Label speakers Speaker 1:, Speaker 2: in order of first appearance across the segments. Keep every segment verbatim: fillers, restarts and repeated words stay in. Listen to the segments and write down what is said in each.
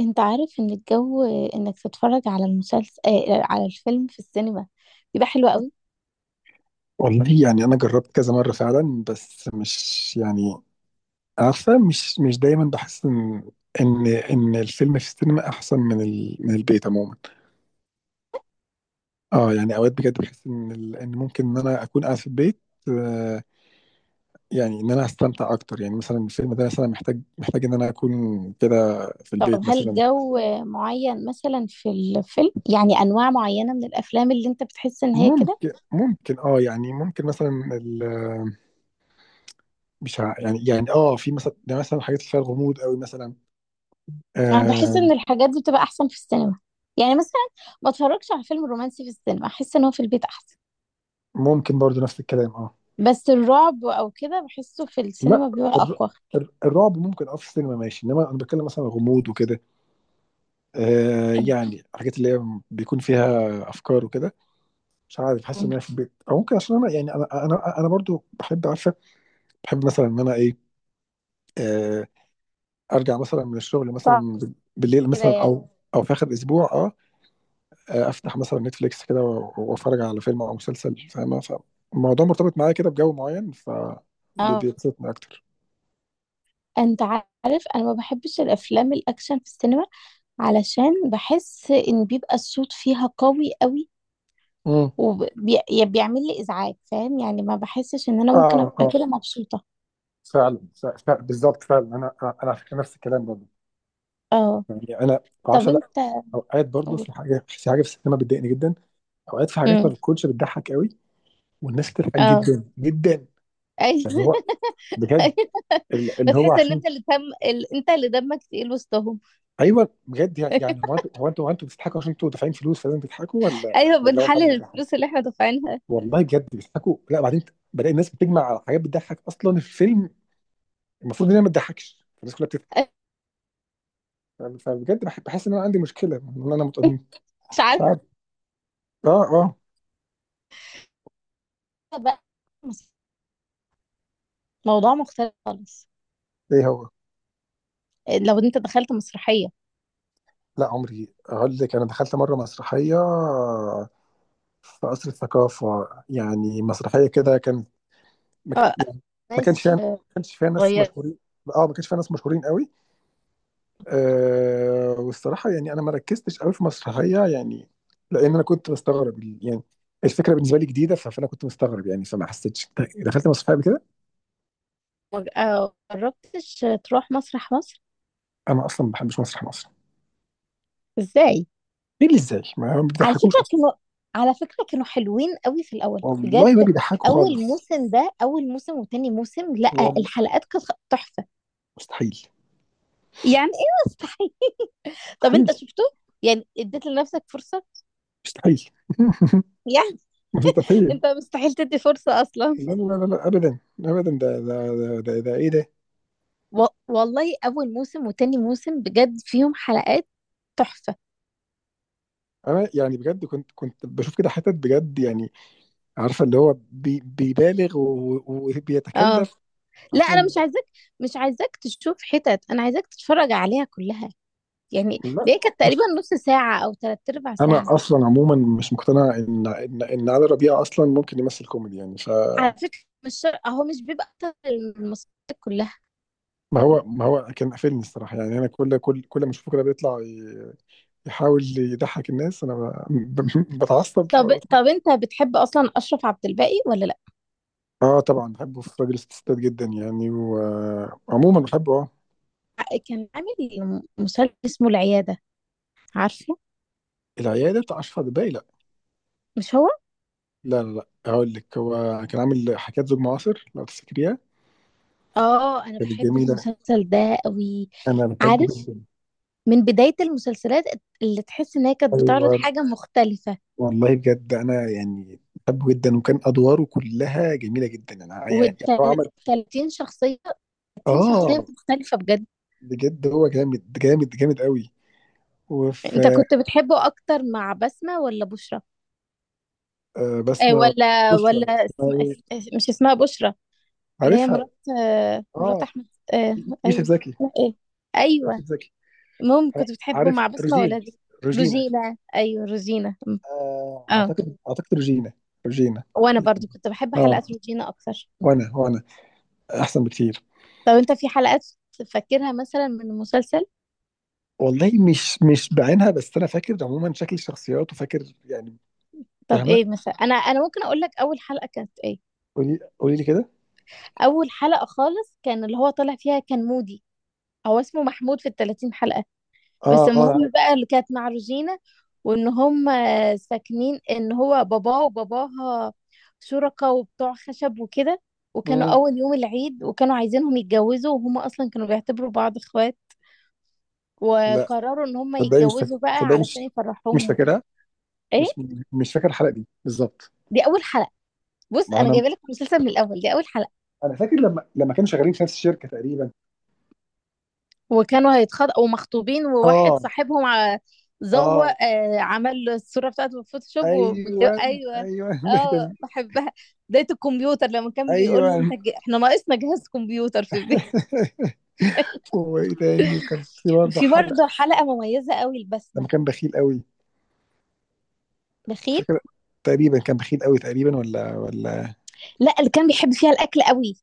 Speaker 1: انت عارف ان الجو انك تتفرج على المسلسل آه على الفيلم في السينما بيبقى حلو قوي.
Speaker 2: والله يعني انا جربت كذا مره فعلا، بس مش يعني عارفه، مش مش دايما بحس ان ان ان الفيلم في السينما احسن من ال... من البيت عموما. اه يعني اوقات بجد بحس ان ال... ان ممكن ان انا اكون قاعد في البيت. آه، يعني ان انا هستمتع اكتر، يعني مثلا الفيلم ده مثلا محتاج محتاج ان انا اكون كده في
Speaker 1: طب
Speaker 2: البيت
Speaker 1: هل
Speaker 2: مثلا.
Speaker 1: جو معين مثلا في الفيلم، يعني انواع معينة من الافلام اللي انت بتحس ان هي كده؟
Speaker 2: ممكن ممكن اه يعني ممكن مثلا ال... مش ع- يعني يعني اه في مثلا، ده مثلا حاجات اللي فيها الغموض قوي مثلا.
Speaker 1: انا بحس
Speaker 2: آه،
Speaker 1: ان الحاجات دي بتبقى احسن في السينما. يعني مثلا ما اتفرجش على فيلم رومانسي في السينما، احس ان هو في البيت احسن.
Speaker 2: ممكن برضو نفس الكلام اه.
Speaker 1: بس الرعب او كده بحسه في
Speaker 2: لا،
Speaker 1: السينما بيبقى
Speaker 2: الر...
Speaker 1: اقوى.
Speaker 2: الر- الرعب ممكن اه، في السينما ماشي، انما انا بتكلم مثلا غموض وكده. آه،
Speaker 1: بحب
Speaker 2: يعني حاجات اللي هي بيكون فيها افكار وكده. مش عارف، حاسس ان انا في البيت، او ممكن عشان انا، يعني انا انا انا برضو بحب، عارفه. بحب مثلا ان انا ايه، آه، ارجع مثلا من الشغل مثلا بالليل
Speaker 1: كده
Speaker 2: مثلا،
Speaker 1: يعني.
Speaker 2: او او في اخر اسبوع اه. آه، افتح مثلا نتفليكس كده و- واتفرج على فيلم او مسلسل، فاهمه؟ فالموضوع مرتبط معايا كده بجو معين، ف بي-
Speaker 1: اه.
Speaker 2: بيبسطني اكتر.
Speaker 1: انت عارف انا ما بحبش الافلام الاكشن في السينما، علشان بحس ان بيبقى الصوت فيها قوي قوي،
Speaker 2: امم
Speaker 1: وبيعمل لي ازعاج، فاهم يعني، ما بحسش ان انا ممكن
Speaker 2: اه
Speaker 1: ابقى
Speaker 2: اه،
Speaker 1: كده مبسوطة.
Speaker 2: فعلا ف- ف- بالظبط، فعلا انا انا على فكره نفس الكلام برضه.
Speaker 1: اه.
Speaker 2: يعني انا
Speaker 1: طب
Speaker 2: بعشق، لا،
Speaker 1: انت
Speaker 2: اوقات برضه
Speaker 1: قول.
Speaker 2: في حاجه، في حاجه في السينما بتضايقني جدا. اوقات في حاجات ما
Speaker 1: امم.
Speaker 2: بتكونش بتضحك قوي، والناس بتضحك
Speaker 1: اه،
Speaker 2: جدا جدا،
Speaker 1: ايوه.
Speaker 2: اللي هو
Speaker 1: ايوه.
Speaker 2: بجد، ال- اللي هو
Speaker 1: بتحس ان
Speaker 2: عشان.
Speaker 1: انت اللي دم ال... انت اللي دمك تقيل وسطهم.
Speaker 2: ايوه، بجد. يعني هو انتوا هو انتوا هو انتوا بتضحكوا عشان انتوا دافعين فلوس فلازم تضحكوا، ولا
Speaker 1: ايوه،
Speaker 2: ولا هو فعلا
Speaker 1: بنحلل
Speaker 2: بيضحك؟
Speaker 1: الفلوس اللي احنا دافعينها.
Speaker 2: والله بجد بيضحكوا. لا، بعدين بلاقي الناس بتجمع على حاجات بتضحك، اصلا الفيلم المفروض ان هي ما تضحكش، الناس كلها بتضحك. فبجد بح- بحس ان انا عندي مشكله، ان انا مت-
Speaker 1: مش
Speaker 2: مش
Speaker 1: عارفة
Speaker 2: عارف. اه اه.
Speaker 1: بقى. مس- موضوع مختلف خالص.
Speaker 2: ايه هو؟
Speaker 1: لو انت دخلت مسرحية.
Speaker 2: لا، عمري اقول لك، انا دخلت مره مسرحيه في قصر الثقافه، يعني مسرحيه كده كان، ما كان-
Speaker 1: اه.
Speaker 2: يعني ما كانش فيها
Speaker 1: ناس
Speaker 2: ما كانش فيها ناس
Speaker 1: غير.
Speaker 2: مشهورين. اه، ما كانش فيها ناس مشهورين قوي. آه، والصراحه يعني انا ما ركزتش قوي في مسرحيه يعني، لان انا كنت مستغرب يعني، الفكره بالنسبه لي جديده، ف- فانا كنت مستغرب يعني، فما حسيتش، دخلت مسرحيه قبل كده.
Speaker 1: ما جربتش تروح مسرح مصر؟
Speaker 2: انا اصلا ما بحبش مسرح مصر.
Speaker 1: ازاي؟
Speaker 2: ايه اللي ازاي؟ ما
Speaker 1: على
Speaker 2: بيضحكوش
Speaker 1: فكرة
Speaker 2: اصلا.
Speaker 1: كانوا على فكرة كانوا حلوين قوي في الأول
Speaker 2: والله ما
Speaker 1: بجد.
Speaker 2: بيضحكوا
Speaker 1: أول
Speaker 2: خالص.
Speaker 1: موسم، ده أول موسم وتاني موسم، لأ
Speaker 2: والله
Speaker 1: الحلقات كانت خ- تحفة.
Speaker 2: مستحيل.
Speaker 1: يعني إيه مستحيل؟ طب أنت
Speaker 2: مستحيل.
Speaker 1: شفته؟ يعني اديت لنفسك فرصة؟
Speaker 2: مستحيل.
Speaker 1: يعني
Speaker 2: مستحيل.
Speaker 1: أنت مستحيل تدي فرصة أصلا.
Speaker 2: لا لا لا لا، ابدا ابدا، ده ده ده ده, ده ايه ده.
Speaker 1: و... والله، أول موسم وتاني موسم بجد فيهم حلقات تحفة.
Speaker 2: انا يعني بجد كنت كنت بشوف كده حتت، بجد يعني عارفه، اللي هو بي بيبالغ و-
Speaker 1: اه.
Speaker 2: وبيتكلف،
Speaker 1: لا،
Speaker 2: عشان
Speaker 1: أنا مش
Speaker 2: اللي-.
Speaker 1: عايزاك مش عايزاك تشوف حتت، أنا عايزاك تتفرج عليها كلها. يعني
Speaker 2: لا
Speaker 1: دي كانت تقريبا
Speaker 2: بص،
Speaker 1: نص ساعة أو تلات أرباع
Speaker 2: انا
Speaker 1: ساعة.
Speaker 2: اصلا عموما مش مقتنع ان ان ان علي ربيع اصلا ممكن يمثل كوميدي، يعني فما.
Speaker 1: على فكرة، مش شر... هو مش بيبقى أكتر المسلسلات كلها؟
Speaker 2: هو، ما هو كان قافلني الصراحه يعني، انا كل كل كل ما اشوفه كده بيطلع ي- يحاول يضحك الناس، انا ب- ب- بتعصب.
Speaker 1: طب طب أنت بتحب أصلا أشرف عبد الباقي ولا لأ؟
Speaker 2: اه طبعا، بحبه في راجل ستات جدا يعني، وعموما بحبه اه.
Speaker 1: كان عامل مسلسل اسمه العيادة، عارفه؟
Speaker 2: العيادة بتاع أشرف عباي؟ لا.
Speaker 1: مش هو؟
Speaker 2: لا لا لا، هقول لك، هو كان عامل حكاية زوج معاصر، لو تفتكريها،
Speaker 1: اه، أنا
Speaker 2: كانت
Speaker 1: بحب
Speaker 2: جميلة.
Speaker 1: المسلسل ده قوي.
Speaker 2: أنا بحبه
Speaker 1: عارف،
Speaker 2: جدا.
Speaker 1: من بداية المسلسلات اللي تحس إن هي كانت بتعرض
Speaker 2: أيوة،
Speaker 1: حاجة مختلفة.
Speaker 2: والله بجد أنا يعني بحبه جدا، وكان أدواره كلها جميلة جدا، يعني يعني هو عمل.
Speaker 1: و30 شخصية، تلاتين شخصية
Speaker 2: آه،
Speaker 1: مختلفة بجد.
Speaker 2: بجد هو جامد جامد جامد قوي.
Speaker 1: أنت
Speaker 2: وفي،
Speaker 1: كنت بتحبه أكتر مع بسمة ولا بشرى؟
Speaker 2: آه،
Speaker 1: آه،
Speaker 2: بسمة.
Speaker 1: ولا
Speaker 2: وشوشة
Speaker 1: ولا
Speaker 2: اسمها
Speaker 1: اسم...
Speaker 2: إيه؟
Speaker 1: اس- مش اسمها بشرى؟ اللي هي
Speaker 2: عارفها.
Speaker 1: مرات، آه، مرات
Speaker 2: آه،
Speaker 1: احمد. آه.
Speaker 2: يوسف
Speaker 1: ايوه.
Speaker 2: زكي.
Speaker 1: اسمها ايه؟ ايوه.
Speaker 2: يوسف زكي.
Speaker 1: المهم،
Speaker 2: ع-
Speaker 1: كنت بتحبه
Speaker 2: عارف؟
Speaker 1: مع بسمة
Speaker 2: روجين
Speaker 1: ولا دي؟
Speaker 2: روجينا.
Speaker 1: روجينا، ايوه روجينا م.
Speaker 2: آه،
Speaker 1: اه.
Speaker 2: اعتقد اعتقد روجينا. روجينا
Speaker 1: وانا برضو كنت بحب
Speaker 2: اه.
Speaker 1: حلقات روجينا اكتر.
Speaker 2: وانا وانا احسن بكتير.
Speaker 1: طب انت في حلقات تفكرها مثلا من المسلسل؟
Speaker 2: والله مش مش بعينها، بس انا فاكر عموما شكل الشخصيات، وفاكر يعني،
Speaker 1: طب
Speaker 2: فاهمه؟
Speaker 1: ايه مثلا، انا انا ممكن اقول لك اول حلقة كانت ايه.
Speaker 2: قولي، قولي لي كده.
Speaker 1: اول حلقة خالص كان اللي هو طالع فيها كان مودي، هو اسمه محمود في ال التلاتين حلقة.
Speaker 2: اه
Speaker 1: بس
Speaker 2: اه،
Speaker 1: المهم
Speaker 2: عارف.
Speaker 1: بقى اللي كانت مع روجينا، وان هم ساكنين ان هو باباه وباباها شركاء وبتوع خشب وكده، وكانوا
Speaker 2: مم.
Speaker 1: اول يوم العيد وكانوا عايزينهم يتجوزوا وهم اصلا كانوا بيعتبروا بعض اخوات،
Speaker 2: لا،
Speaker 1: وقرروا ان هم
Speaker 2: صدقني مش فاكر،
Speaker 1: يتجوزوا بقى
Speaker 2: صدقني
Speaker 1: علشان
Speaker 2: مش مش
Speaker 1: يفرحوهم وكده.
Speaker 2: فاكرها،
Speaker 1: ايه،
Speaker 2: مش مش فاكر الحلقه دي بالظبط.
Speaker 1: دي اول حلقة. بص
Speaker 2: ما
Speaker 1: انا
Speaker 2: انا
Speaker 1: جايبه لك المسلسل من الاول، دي اول حلقة.
Speaker 2: انا فاكر لما لما كانوا شغالين في نفس الشركه تقريبا.
Speaker 1: وكانوا هيتخطبوا ومخطوبين، وواحد
Speaker 2: اه
Speaker 1: صاحبهم ع-
Speaker 2: اه.
Speaker 1: زوق، آه، عمل له الصورة بتاعته في الفوتوشوب و...
Speaker 2: ايوه
Speaker 1: ايوه،
Speaker 2: ايوه. ده
Speaker 1: اه
Speaker 2: كان-.
Speaker 1: بحبها. بداية الكمبيوتر لما كان بيقول له انت
Speaker 2: ايوه.
Speaker 1: ج... احنا ناقصنا جهاز كمبيوتر في البيت.
Speaker 2: وايه تاني؟ وكان في برضه
Speaker 1: في برضه
Speaker 2: حلقه
Speaker 1: حلقة مميزة قوي،
Speaker 2: لما
Speaker 1: البسمة
Speaker 2: كان بخيل قوي،
Speaker 1: بخيت.
Speaker 2: فاكر؟ تقريبا كان بخيل قوي تقريبا، ولا ولا؟
Speaker 1: لا، اللي كان بيحب فيها الأكل قوي،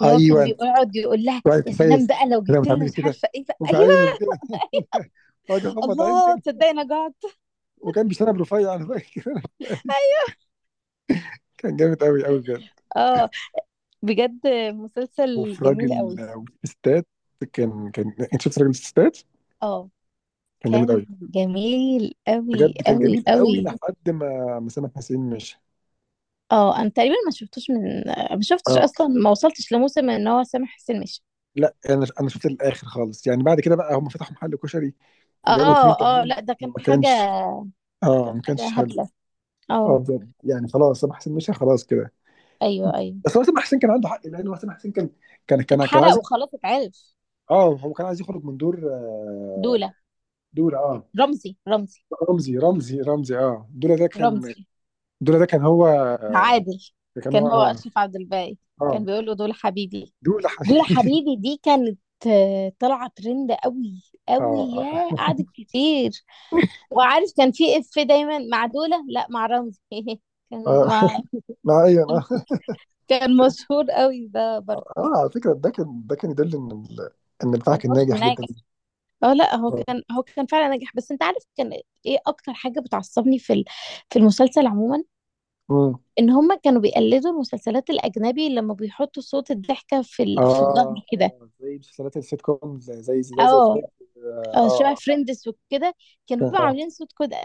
Speaker 1: اللي هو كان
Speaker 2: ايوه،
Speaker 1: بيقعد يقول لها
Speaker 2: وقعد
Speaker 1: يا
Speaker 2: تتخيل
Speaker 1: سلام بقى لو
Speaker 2: لما
Speaker 1: جبت لنا
Speaker 2: تعملي
Speaker 1: مش
Speaker 2: كده،
Speaker 1: عارفة ايه بقى. ايوه.
Speaker 2: وبعينه كده.
Speaker 1: أيوه.
Speaker 2: وقعد يغمض عين
Speaker 1: الله
Speaker 2: كده،
Speaker 1: تصدقي انا جعت.
Speaker 2: وكان بيشتغل برفيع، انا فاكر.
Speaker 1: أيوه.
Speaker 2: كان جامد قوي قوي بجد.
Speaker 1: اه، بجد مسلسل
Speaker 2: وفي
Speaker 1: جميل
Speaker 2: راجل
Speaker 1: قوي.
Speaker 2: وستات، كان، كان انت شفت راجل الستات؟
Speaker 1: اه،
Speaker 2: كان جامد
Speaker 1: كان
Speaker 2: قوي.
Speaker 1: جميل قوي
Speaker 2: بجد كان
Speaker 1: قوي
Speaker 2: جميل قوي
Speaker 1: قوي.
Speaker 2: لحد ما ما سامح حسين مشي.
Speaker 1: اه، انا تقريبا ما شفتوش من ما شفتش
Speaker 2: اه،
Speaker 1: اصلا، ما وصلتش لموسم ان هو سامح حسين مشي.
Speaker 2: لا، انا انا شفت الاخر خالص يعني، بعد كده بقى هم فتحوا محل كشري وجابوا اتنين
Speaker 1: اه، اه،
Speaker 2: تانيين،
Speaker 1: لا ده كان
Speaker 2: ما
Speaker 1: حاجه،
Speaker 2: كانش اه
Speaker 1: كانت
Speaker 2: ما
Speaker 1: حاجه
Speaker 2: كانش حلو.
Speaker 1: هبله. اه.
Speaker 2: اه بجد يعني، خلاص سامح حسين مشى، خلاص كده.
Speaker 1: ايوه، ايوه،
Speaker 2: بس هو سامح حسين كان عنده حق، لان هو سامح حسين كان كان كان كان
Speaker 1: اتحرق
Speaker 2: عايز.
Speaker 1: وخلاص اتعرف.
Speaker 2: اه، هو كان عايز يخرج من دور، آه،
Speaker 1: دوله
Speaker 2: دور اه
Speaker 1: رمزي رمزي
Speaker 2: رمزي رمزي رمزي. اه، دولا ده كان
Speaker 1: رمزي.
Speaker 2: دولا ده كان هو،
Speaker 1: عادل.
Speaker 2: كان هو
Speaker 1: كان هو
Speaker 2: اه
Speaker 1: اشرف عبد الباقي،
Speaker 2: اه،
Speaker 1: كان بيقول له دول حبيبي.
Speaker 2: دولا
Speaker 1: دول
Speaker 2: حبيبي.
Speaker 1: حبيبي، دي كانت آه، طالعه ترند قوي قوي.
Speaker 2: اه
Speaker 1: يا
Speaker 2: اه،
Speaker 1: قعدت كتير. وعارف كان في اف دايما مع دولة، لا مع رمزي. كان
Speaker 2: آه.
Speaker 1: مع
Speaker 2: لا ايوه انا.
Speaker 1: كان مشهور قوي ده
Speaker 2: اه
Speaker 1: برضه.
Speaker 2: على فكره، ده كان ده كان يدل ان ال- ان البتاع
Speaker 1: يعني
Speaker 2: كان
Speaker 1: هو كان
Speaker 2: ناجح جدا.
Speaker 1: ناجح. اه لا، هو كان هو كان فعلا ناجح. بس انت عارف كان، ايه اكتر حاجة بتعصبني في ال- في المسلسل عموما؟
Speaker 2: مم.
Speaker 1: ان هما كانوا بيقلدوا المسلسلات الاجنبي لما بيحطوا صوت الضحكة في ال... في الظهر
Speaker 2: اه
Speaker 1: كده.
Speaker 2: اه، زي مسلسلات السيت كوم، زي زي زي زي
Speaker 1: اه،
Speaker 2: فريندز. اه
Speaker 1: اه شبه
Speaker 2: اه
Speaker 1: فريندز وكده، كانوا
Speaker 2: اه.
Speaker 1: بيبقوا
Speaker 2: آه.
Speaker 1: عاملين صوت كده.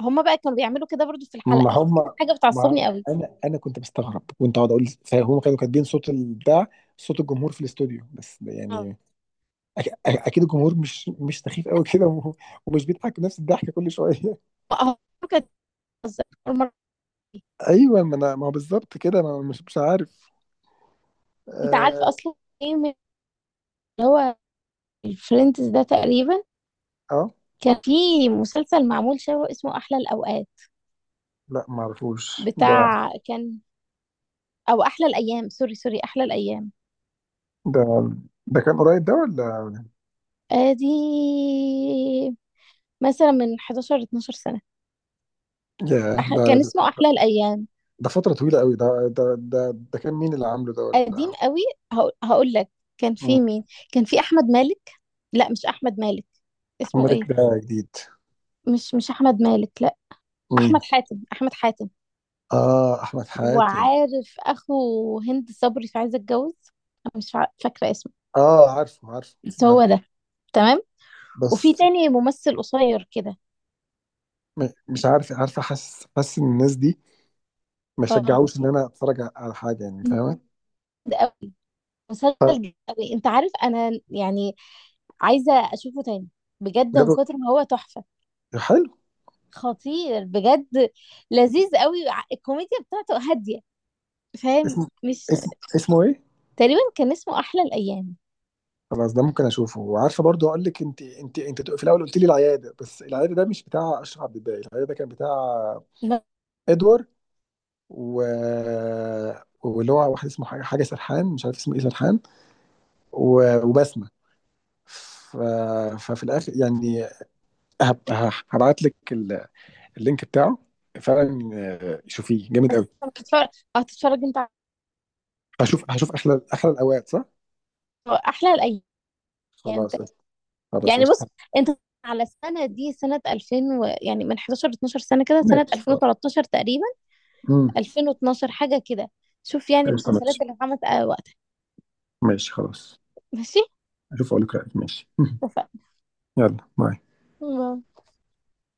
Speaker 1: هما بقى كانوا بيعملوا كده برضه في
Speaker 2: ما
Speaker 1: الحلقة، فدي
Speaker 2: هم،
Speaker 1: كانت حاجة
Speaker 2: ما
Speaker 1: بتعصبني قوي.
Speaker 2: انا، انا كنت بستغرب، كنت اقعد اقول، فهم كانوا كاتبين صوت البتاع، صوت الجمهور في الاستوديو بس
Speaker 1: اه.
Speaker 2: يعني. أك- اكيد الجمهور مش مش سخيف قوي كده، و- ومش بيضحك نفس الضحكه كل شويه.
Speaker 1: آه، كانت بتهزر.
Speaker 2: ايوه، ما انا، ما هو بالظبط كده، ما أنا مش مش عارف
Speaker 1: أنت عارف
Speaker 2: اه،
Speaker 1: أصلًا إيه من اللي هو الfriends ده تقريبًا،
Speaker 2: آه.
Speaker 1: كان في مسلسل معمول شبهه اسمه أحلى الأوقات.
Speaker 2: لا ما اعرفوش ده.
Speaker 1: بتاع كان، أو أحلى الأيام، سوري سوري، أحلى الأيام.
Speaker 2: ده ده كان قريب ده ولا؟
Speaker 1: آدي مثلًا من احد عشر اتناشر سنة.
Speaker 2: يا
Speaker 1: أح كان
Speaker 2: ده!
Speaker 1: اسمه أحلى الأيام.
Speaker 2: ده فترة طويلة قوي، ده ده ده ده كان مين اللي عامله ده ولا؟
Speaker 1: قديم قوي. هاقو هاقول لك، كان
Speaker 2: مم.
Speaker 1: في مين. كان في أحمد مالك، لأ مش أحمد مالك، اسمه
Speaker 2: الملك
Speaker 1: إيه؟
Speaker 2: ده جديد.
Speaker 1: مش مش أحمد مالك، لأ
Speaker 2: مين؟
Speaker 1: أحمد حاتم، أحمد حاتم.
Speaker 2: اه، احمد حاتم.
Speaker 1: وعارف اخو هند صبري في عايزه اتجوز، انا مش فا- فاكره اسمه.
Speaker 2: اه، عارفه عارفه
Speaker 1: بس هو
Speaker 2: عارفه.
Speaker 1: ده، تمام. وفي
Speaker 2: بس،
Speaker 1: تاني ممثل قصير كده.
Speaker 2: م- مش عارف، عارفه، حاسس حاسس ان الناس دي ما
Speaker 1: اه.
Speaker 2: شجعوش ان انا اتفرج ع- على حاجة يعني، فاهمة؟
Speaker 1: مسلسل
Speaker 2: طب.
Speaker 1: جامد أوي. انت عارف، انا يعني عايزه اشوفه تاني، بجد من
Speaker 2: جابوا-.
Speaker 1: كتر ما هو تحفه،
Speaker 2: حلو.
Speaker 1: خطير بجد، لذيذ قوي، ع- الكوميديا بتاعته هاديه، فاهم
Speaker 2: اسم
Speaker 1: مش.
Speaker 2: اسم اسمه ايه؟
Speaker 1: تقريبا كان اسمه احلى الايام.
Speaker 2: خلاص، ده ممكن اشوفه، وعارفه برضو، اقول لك، انت انت انت في الاول قلت لي العياده، بس العياده ده مش بتاع اشرف عبد الباقي، العياده ده كان بتاع ادوار، و... واللي هو واحد اسمه حاجة حاجة سرحان، مش عارف اسمه ايه، سرحان، و... وبسمة. ف... ففي الاخر يعني، هب... ه- هبعت لك ال- اللينك بتاعه فعلا. آه، شوفيه جامد
Speaker 1: بس
Speaker 2: قوي.
Speaker 1: هتتفرج هتتفرج انت على
Speaker 2: هشوف هشوف احلى احلى الاوقات، صح؟
Speaker 1: احلى الايام.
Speaker 2: خلاص قشطة. خلاص
Speaker 1: يعني بص
Speaker 2: قشطة.
Speaker 1: انت، على السنه دي سنه ألفين و... يعني من حداشر ل اتناشر سنه كده، سنه
Speaker 2: ماشي خلاص.
Speaker 1: الفين وتلتاشر تقريبا.
Speaker 2: امم
Speaker 1: ألفين واثنا عشر حاجه كده. شوف يعني
Speaker 2: قشطة.
Speaker 1: المسلسلات
Speaker 2: ماشي
Speaker 1: اللي اتعملت آه، وقتها.
Speaker 2: ماشي خلاص.
Speaker 1: ماشي.
Speaker 2: اشوف، اقول لك رأيك، ماشي. يلا باي.
Speaker 1: اتفقنا.